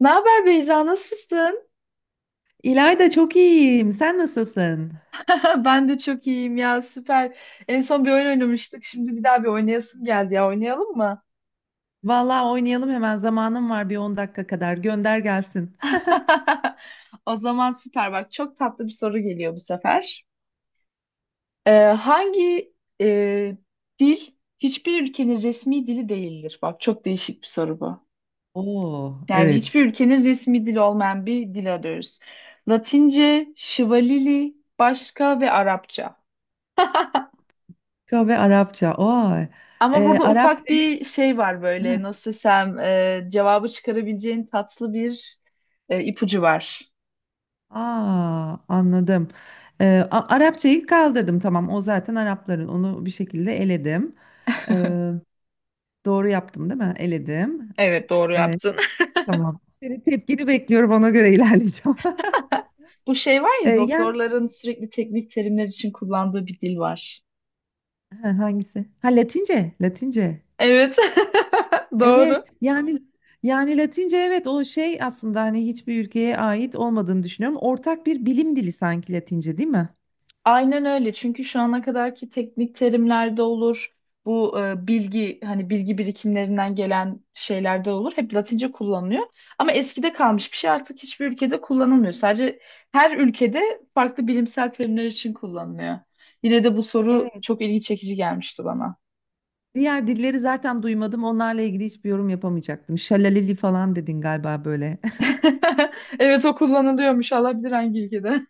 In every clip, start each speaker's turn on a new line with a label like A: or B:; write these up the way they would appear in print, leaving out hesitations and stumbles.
A: Ne haber Beyza, nasılsın?
B: İlayda çok iyiyim. Sen nasılsın?
A: Ben de çok iyiyim ya, süper. En son bir oyun oynamıştık, şimdi bir daha bir oynayasım geldi ya, oynayalım mı?
B: Vallahi oynayalım hemen. Zamanım var bir 10 dakika kadar. Gönder gelsin.
A: O zaman süper bak, çok tatlı bir soru geliyor bu sefer. Ee, hangi e, dil hiçbir ülkenin resmi dili değildir? Bak çok değişik bir soru bu.
B: Oo,
A: Yani
B: evet.
A: hiçbir ülkenin resmi dili olmayan bir dil arıyoruz. Latince, Şivalili, başka ve Arapça.
B: Kahve Arapça. Oo.
A: Ama burada ufak
B: Arapçayı.
A: bir şey var böyle
B: Hı.
A: nasıl desem cevabı çıkarabileceğin tatlı bir ipucu var.
B: Aa, anladım. Arapçayı kaldırdım, tamam. O zaten Arapların. Onu bir şekilde eledim. Ee, doğru yaptım değil mi? Eledim.
A: Evet doğru
B: Evet.
A: yaptın.
B: Tamam. Senin tepkini bekliyorum, ona göre ilerleyeceğim.
A: Bu şey var
B: Ee,
A: ya
B: yani
A: doktorların sürekli teknik terimler için kullandığı bir dil var.
B: Ha, hangisi? Ha, Latince, Latince.
A: Evet
B: Evet
A: doğru.
B: yani, yani Latince, evet, o şey aslında hani hiçbir ülkeye ait olmadığını düşünüyorum. Ortak bir bilim dili sanki Latince, değil mi?
A: Aynen öyle. Çünkü şu ana kadarki teknik terimlerde olur. Bu bilgi hani bilgi birikimlerinden gelen şeylerde olur. Hep Latince kullanılıyor. Ama eskide kalmış bir şey artık hiçbir ülkede kullanılmıyor. Sadece her ülkede farklı bilimsel terimler için kullanılıyor. Yine de bu soru
B: Evet.
A: çok ilgi çekici gelmişti bana.
B: Diğer dilleri zaten duymadım. Onlarla ilgili hiçbir yorum yapamayacaktım. Şalaleli falan dedin galiba böyle.
A: Evet o kullanılıyormuş. Allah bilir hangi ülkede.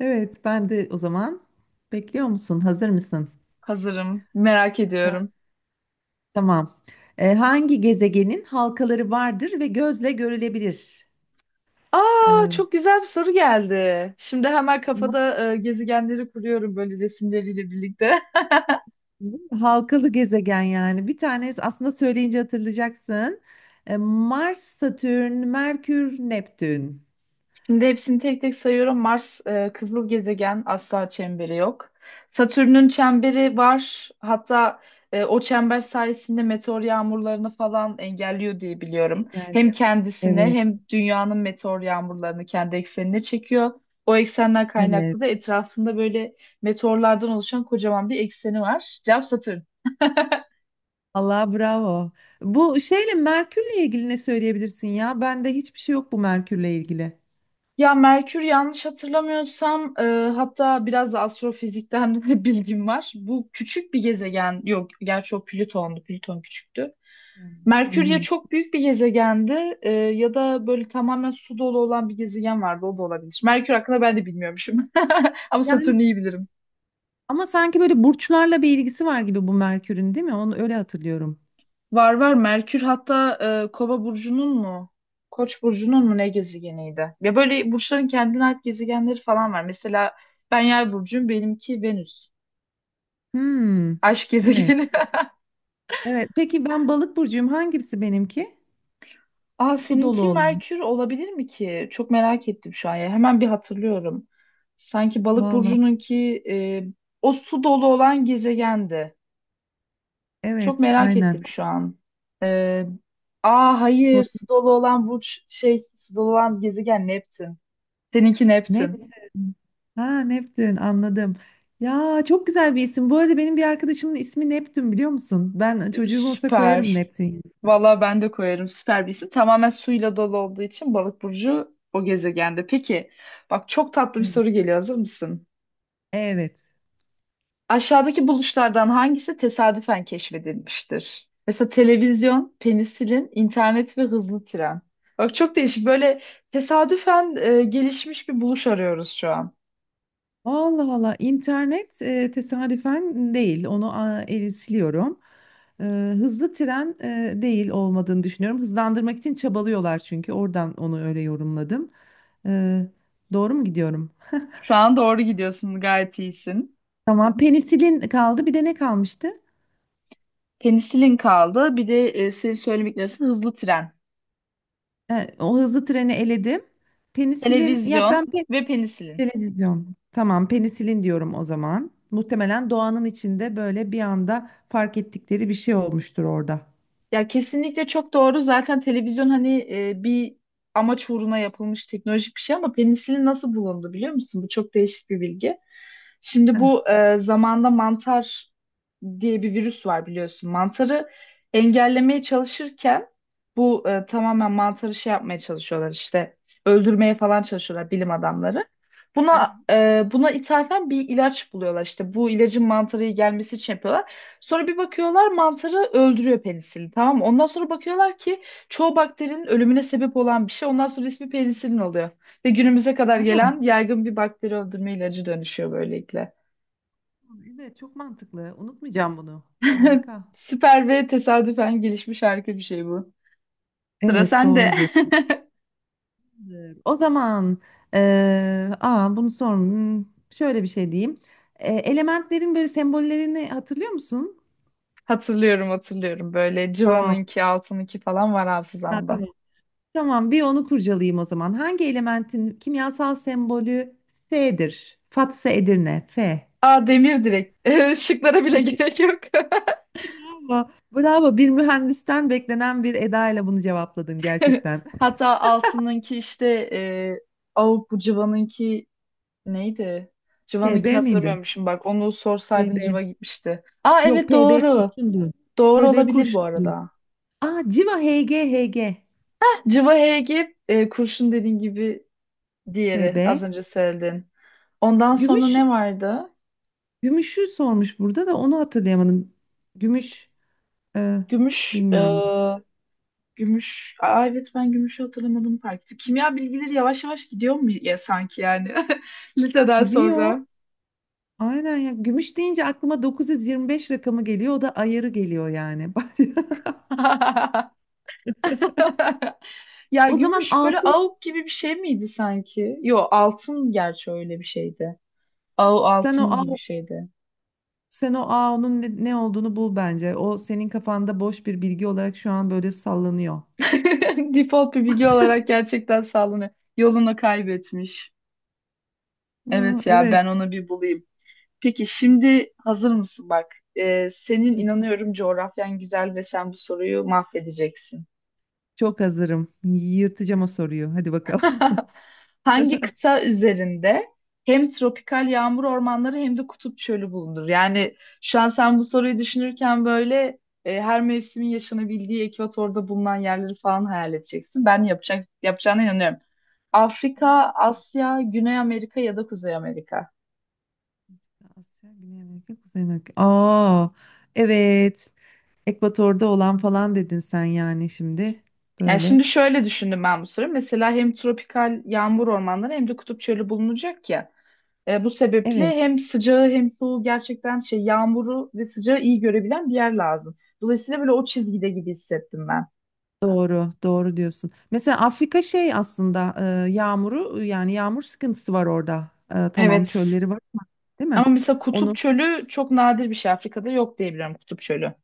B: Evet, ben de o zaman bekliyor musun? Hazır mısın?
A: Hazırım. Merak ediyorum.
B: Tamam. Hangi gezegenin halkaları vardır ve gözle görülebilir?
A: Aa,
B: Ee,
A: çok güzel bir soru geldi. Şimdi hemen
B: bu-
A: kafada gezegenleri kuruyorum böyle resimleriyle birlikte.
B: bu halkalı gezegen yani. Bir tane aslında söyleyince hatırlayacaksın. Mars, Satürn, Merkür, Neptün.
A: Şimdi hepsini tek tek sayıyorum. Mars kızıl gezegen, asla çemberi yok. Satürn'ün çemberi var. Hatta o çember sayesinde meteor yağmurlarını falan engelliyor diye biliyorum.
B: Yani
A: Hem kendisine
B: evet,
A: hem dünyanın meteor yağmurlarını kendi eksenine çekiyor. O eksenden
B: evet.
A: kaynaklı da etrafında böyle meteorlardan oluşan kocaman bir ekseni var. Cevap Satürn.
B: Allah, bravo. Bu şeyle Merkür'le ilgili ne söyleyebilirsin ya? Bende hiçbir şey yok bu Merkür'le ilgili.
A: Ya Merkür yanlış hatırlamıyorsam hatta biraz da astrofizikten bilgim var. Bu küçük bir gezegen yok gerçi o Plüton'du, Plüton küçüktü.
B: Hı
A: Merkür ya
B: hı.
A: çok büyük bir gezegendi ya da böyle tamamen su dolu olan bir gezegen vardı, o da olabilir. Merkür hakkında ben de bilmiyormuşum ama
B: Yani
A: Satürn'ü iyi bilirim.
B: ama sanki böyle burçlarla bir ilgisi var gibi bu Merkür'ün, değil mi? Onu öyle hatırlıyorum.
A: Var var, Merkür hatta Kova burcunun mu? Koç burcunun mu, ne gezegeniydi? Ya böyle burçların kendine ait gezegenleri falan var. Mesela ben Yay burcuyum, benimki Venüs.
B: Hmm,
A: Aşk
B: evet.
A: gezegeni.
B: Evet. Peki ben balık burcuyum. Hangisi benimki?
A: Aa,
B: Su dolu
A: seninki
B: olan.
A: Merkür olabilir mi ki? Çok merak ettim şu an ya. Hemen bir hatırlıyorum. Sanki balık
B: Vallahi.
A: burcununki o su dolu olan gezegendi. Çok
B: Evet,
A: merak
B: aynen.
A: ettim şu an. E, aa, hayır,
B: Sor.
A: su dolu olan burç şey, su dolu olan gezegen Neptün. Seninki Neptün.
B: Neptün. Ha, Neptün, anladım. Ya çok güzel bir isim. Bu arada benim bir arkadaşımın ismi Neptün, biliyor musun? Ben, çocuğum olsa koyarım
A: Süper.
B: Neptün.
A: Valla ben de koyarım, süper bir isim. Tamamen suyla dolu olduğu için balık burcu o gezegende. Peki bak, çok tatlı bir
B: Evet.
A: soru geliyor, hazır mısın?
B: Evet.
A: Aşağıdaki buluşlardan hangisi tesadüfen keşfedilmiştir? Mesela televizyon, penisilin, internet ve hızlı tren. Bak çok değişik. Böyle tesadüfen gelişmiş bir buluş arıyoruz şu an.
B: Allah Allah, internet tesadüfen değil, onu siliyorum. E, hızlı tren değil olmadığını düşünüyorum. Hızlandırmak için çabalıyorlar çünkü, oradan onu öyle yorumladım. E, doğru mu gidiyorum?
A: Şu an doğru gidiyorsun, gayet iyisin.
B: Tamam, penisilin kaldı, bir de ne kalmıştı?
A: Penisilin kaldı. Bir de senin söylemeklerin hızlı tren,
B: O hızlı treni eledim. Penisilin ya ben
A: televizyon
B: pe-
A: ve penisilin.
B: televizyon. Tamam, penisilin diyorum o zaman. Muhtemelen doğanın içinde böyle bir anda fark ettikleri bir şey olmuştur orada.
A: Ya kesinlikle çok doğru. Zaten televizyon hani bir amaç uğruna yapılmış teknolojik bir şey, ama penisilin nasıl bulundu biliyor musun? Bu çok değişik bir bilgi. Şimdi
B: Heh.
A: bu zamanda mantar diye bir virüs var biliyorsun. Mantarı engellemeye çalışırken bu tamamen mantarı şey yapmaya çalışıyorlar, işte öldürmeye falan çalışıyorlar bilim adamları. Buna buna ithafen bir ilaç buluyorlar, işte bu ilacın mantarı gelmesi için yapıyorlar. Sonra bir bakıyorlar mantarı öldürüyor penisilin, tamam mı? Ondan sonra bakıyorlar ki çoğu bakterinin ölümüne sebep olan bir şey. Ondan sonra ismi penisilin oluyor. Ve günümüze kadar gelen yaygın bir bakteri öldürme ilacı dönüşüyor böylelikle.
B: Evet, çok mantıklı. Unutmayacağım bunu. Harika.
A: Süper ve tesadüfen gelişmiş harika bir şey bu. Sıra
B: Evet,
A: sende.
B: doğru diyorsun. O zaman bunu sor. Şöyle bir şey diyeyim. Elementlerin böyle sembollerini hatırlıyor musun?
A: Hatırlıyorum hatırlıyorum, böyle
B: Tamam.
A: Civan'ınki, altınınki falan var
B: Ha,
A: hafızamda.
B: tamam. Tamam, bir onu kurcalayayım o zaman. Hangi elementin kimyasal sembolü F'dir? Fatsa Edirne, F.
A: Aa, demir direkt. Şıklara bile gerek yok.
B: Bravo, bravo. Bir mühendisten beklenen bir edayla bunu cevapladın gerçekten.
A: Hatta altınınki işte Avup, bu Civan'ınki neydi?
B: T
A: Civa'nınkini
B: B miydi?
A: hatırlamıyormuşum bak. Onu
B: T
A: sorsaydın
B: B.
A: Civa gitmişti. Aa
B: Yok,
A: evet,
B: PB
A: doğru.
B: kurşun diyor.
A: Doğru
B: PB
A: olabilir bu
B: kurşun diyor.
A: arada.
B: Aa, Civa HG. HG
A: Civa Hg kurşun dediğin gibi,
B: PB.
A: diğeri az önce söyledin. Ondan sonra
B: Gümüş.
A: ne vardı?
B: Gümüş'ü sormuş burada, da onu hatırlayamadım. Gümüş, e,
A: Gümüş
B: bilmiyorum.
A: gümüş. Aa evet, ben gümüşü hatırlamadım fark ettim. Kimya bilgileri yavaş yavaş gidiyor mu ya sanki, yani liseden
B: Gidiyor.
A: sonra.
B: Aynen ya. Gümüş deyince aklıma 925 rakamı geliyor. O da ayarı geliyor yani.
A: Ya
B: O zaman
A: gümüş böyle
B: altın,
A: avuk gibi bir şey miydi sanki? Yo, altın gerçi öyle bir şeydi. Av,
B: sen o
A: altın
B: A,
A: gibi bir şeydi.
B: sen o A onun ne olduğunu bul bence. O senin kafanda boş bir bilgi olarak şu an böyle sallanıyor.
A: Default bir bilgi olarak gerçekten sallanıyor. Yolunu kaybetmiş.
B: Aa,
A: Evet ya, ben
B: evet.
A: onu bir bulayım. Peki şimdi hazır mısın bak? Senin inanıyorum coğrafyan güzel ve sen bu soruyu mahvedeceksin.
B: Çok hazırım. Yırtacağım o soruyu. Hadi bakalım.
A: Hangi kıta üzerinde hem tropikal yağmur ormanları hem de kutup çölü bulunur? Yani şu an sen bu soruyu düşünürken böyle her mevsimin yaşanabildiği ekvatorda bulunan yerleri falan hayal edeceksin. Ben yapacak, yapacağına inanıyorum. Afrika,
B: Ha,
A: Asya, Güney Amerika ya da Kuzey Amerika.
B: Asya, Güney Amerika, Kuzey Amerika. Aa, evet. Ekvatorda olan falan dedin sen yani şimdi.
A: Yani şimdi
B: Böyle.
A: şöyle düşündüm ben bu soruyu. Mesela hem tropikal yağmur ormanları hem de kutup çölü bulunacak ya. E, bu sebeple
B: Evet,
A: hem sıcağı hem soğuğu gerçekten şey, yağmuru ve sıcağı iyi görebilen bir yer lazım. Dolayısıyla böyle o çizgide gibi hissettim ben.
B: doğru, doğru diyorsun. Mesela Afrika şey aslında yağmur sıkıntısı var orada. E, tamam
A: Evet.
B: çölleri var ama, değil
A: Ama
B: mi?
A: mesela Kutup
B: Onu
A: Çölü çok nadir bir şey. Afrika'da yok diyebilirim Kutup Çölü.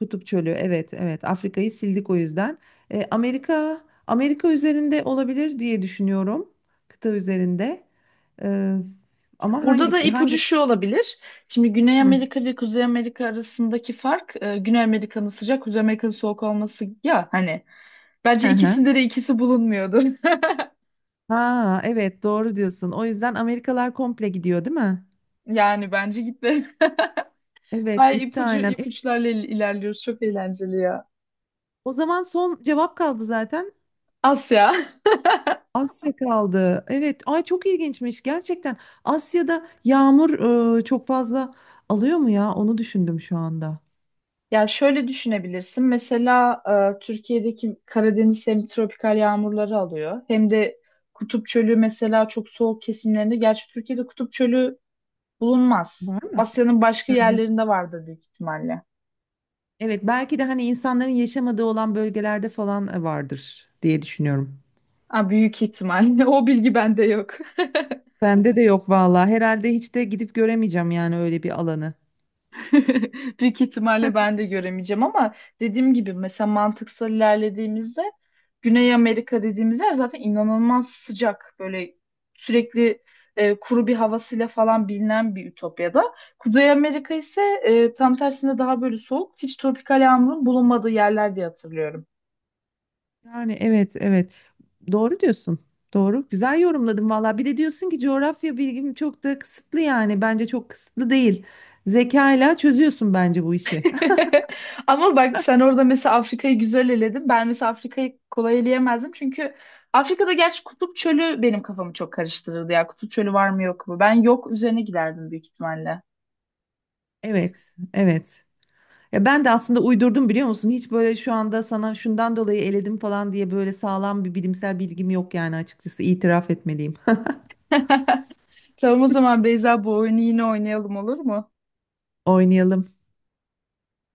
B: Kutup Çölü. Evet, evet. Afrika'yı sildik o yüzden. E, Amerika Amerika üzerinde olabilir diye düşünüyorum. Kıta üzerinde. Ee, ama
A: Burada da
B: hangi
A: ipucu
B: hangi
A: şu olabilir. Şimdi Güney
B: Hı.
A: Amerika ve Kuzey Amerika arasındaki fark Güney Amerika'nın sıcak, Kuzey Amerika'nın soğuk olması ya hani. Bence
B: Hı hı.
A: ikisinde de ikisi bulunmuyordur.
B: Ha, evet, doğru diyorsun. O yüzden Amerikalar komple gidiyor, değil mi?
A: Yani bence gitme.
B: Evet
A: Ay,
B: gitti
A: ipucu,
B: aynen.
A: ilerliyoruz. Çok eğlenceli ya.
B: O zaman son cevap kaldı zaten.
A: Asya.
B: Asya kaldı. Evet. Ay, çok ilginçmiş gerçekten. Asya'da yağmur çok fazla alıyor mu ya? Onu düşündüm şu anda.
A: Ya şöyle düşünebilirsin. Mesela Türkiye'deki Karadeniz hem tropikal yağmurları alıyor hem de Kutup Çölü mesela çok soğuk kesimlerinde. Gerçi Türkiye'de Kutup Çölü bulunmaz.
B: Var mı?
A: Asya'nın başka
B: Hı hı.
A: yerlerinde vardır büyük ihtimalle.
B: Evet, belki de hani insanların yaşamadığı olan bölgelerde falan vardır diye düşünüyorum.
A: Ha, büyük ihtimalle. O bilgi bende yok.
B: Bende de yok vallahi. Herhalde hiç de gidip göremeyeceğim yani öyle bir alanı.
A: Büyük ihtimalle ben de göremeyeceğim ama dediğim gibi mesela mantıksal ilerlediğimizde Güney Amerika dediğimiz yer zaten inanılmaz sıcak, böyle sürekli kuru bir havasıyla falan bilinen bir ütopyada. Kuzey Amerika ise tam tersine daha böyle soğuk, hiç tropikal yağmurun bulunmadığı yerler diye hatırlıyorum.
B: Yani evet, evet. Doğru diyorsun. Doğru. Güzel yorumladın vallahi. Bir de diyorsun ki coğrafya bilgim çok da kısıtlı yani. Bence çok kısıtlı değil. Zekayla çözüyorsun bence bu işi.
A: Ama bak sen orada mesela Afrika'yı güzel eledin. Ben mesela Afrika'yı kolay eleyemezdim. Çünkü Afrika'da gerçi Kutup Çölü benim kafamı çok karıştırırdı ya. Kutup Çölü var mı yok mu? Ben yok üzerine giderdim büyük ihtimalle.
B: Evet, evet. Ya ben de aslında uydurdum, biliyor musun? Hiç böyle şu anda sana şundan dolayı eledim falan diye böyle sağlam bir bilimsel bilgim yok yani, açıkçası itiraf etmeliyim.
A: Tamam, o zaman Beyza bu oyunu yine oynayalım, olur mu?
B: Oynayalım.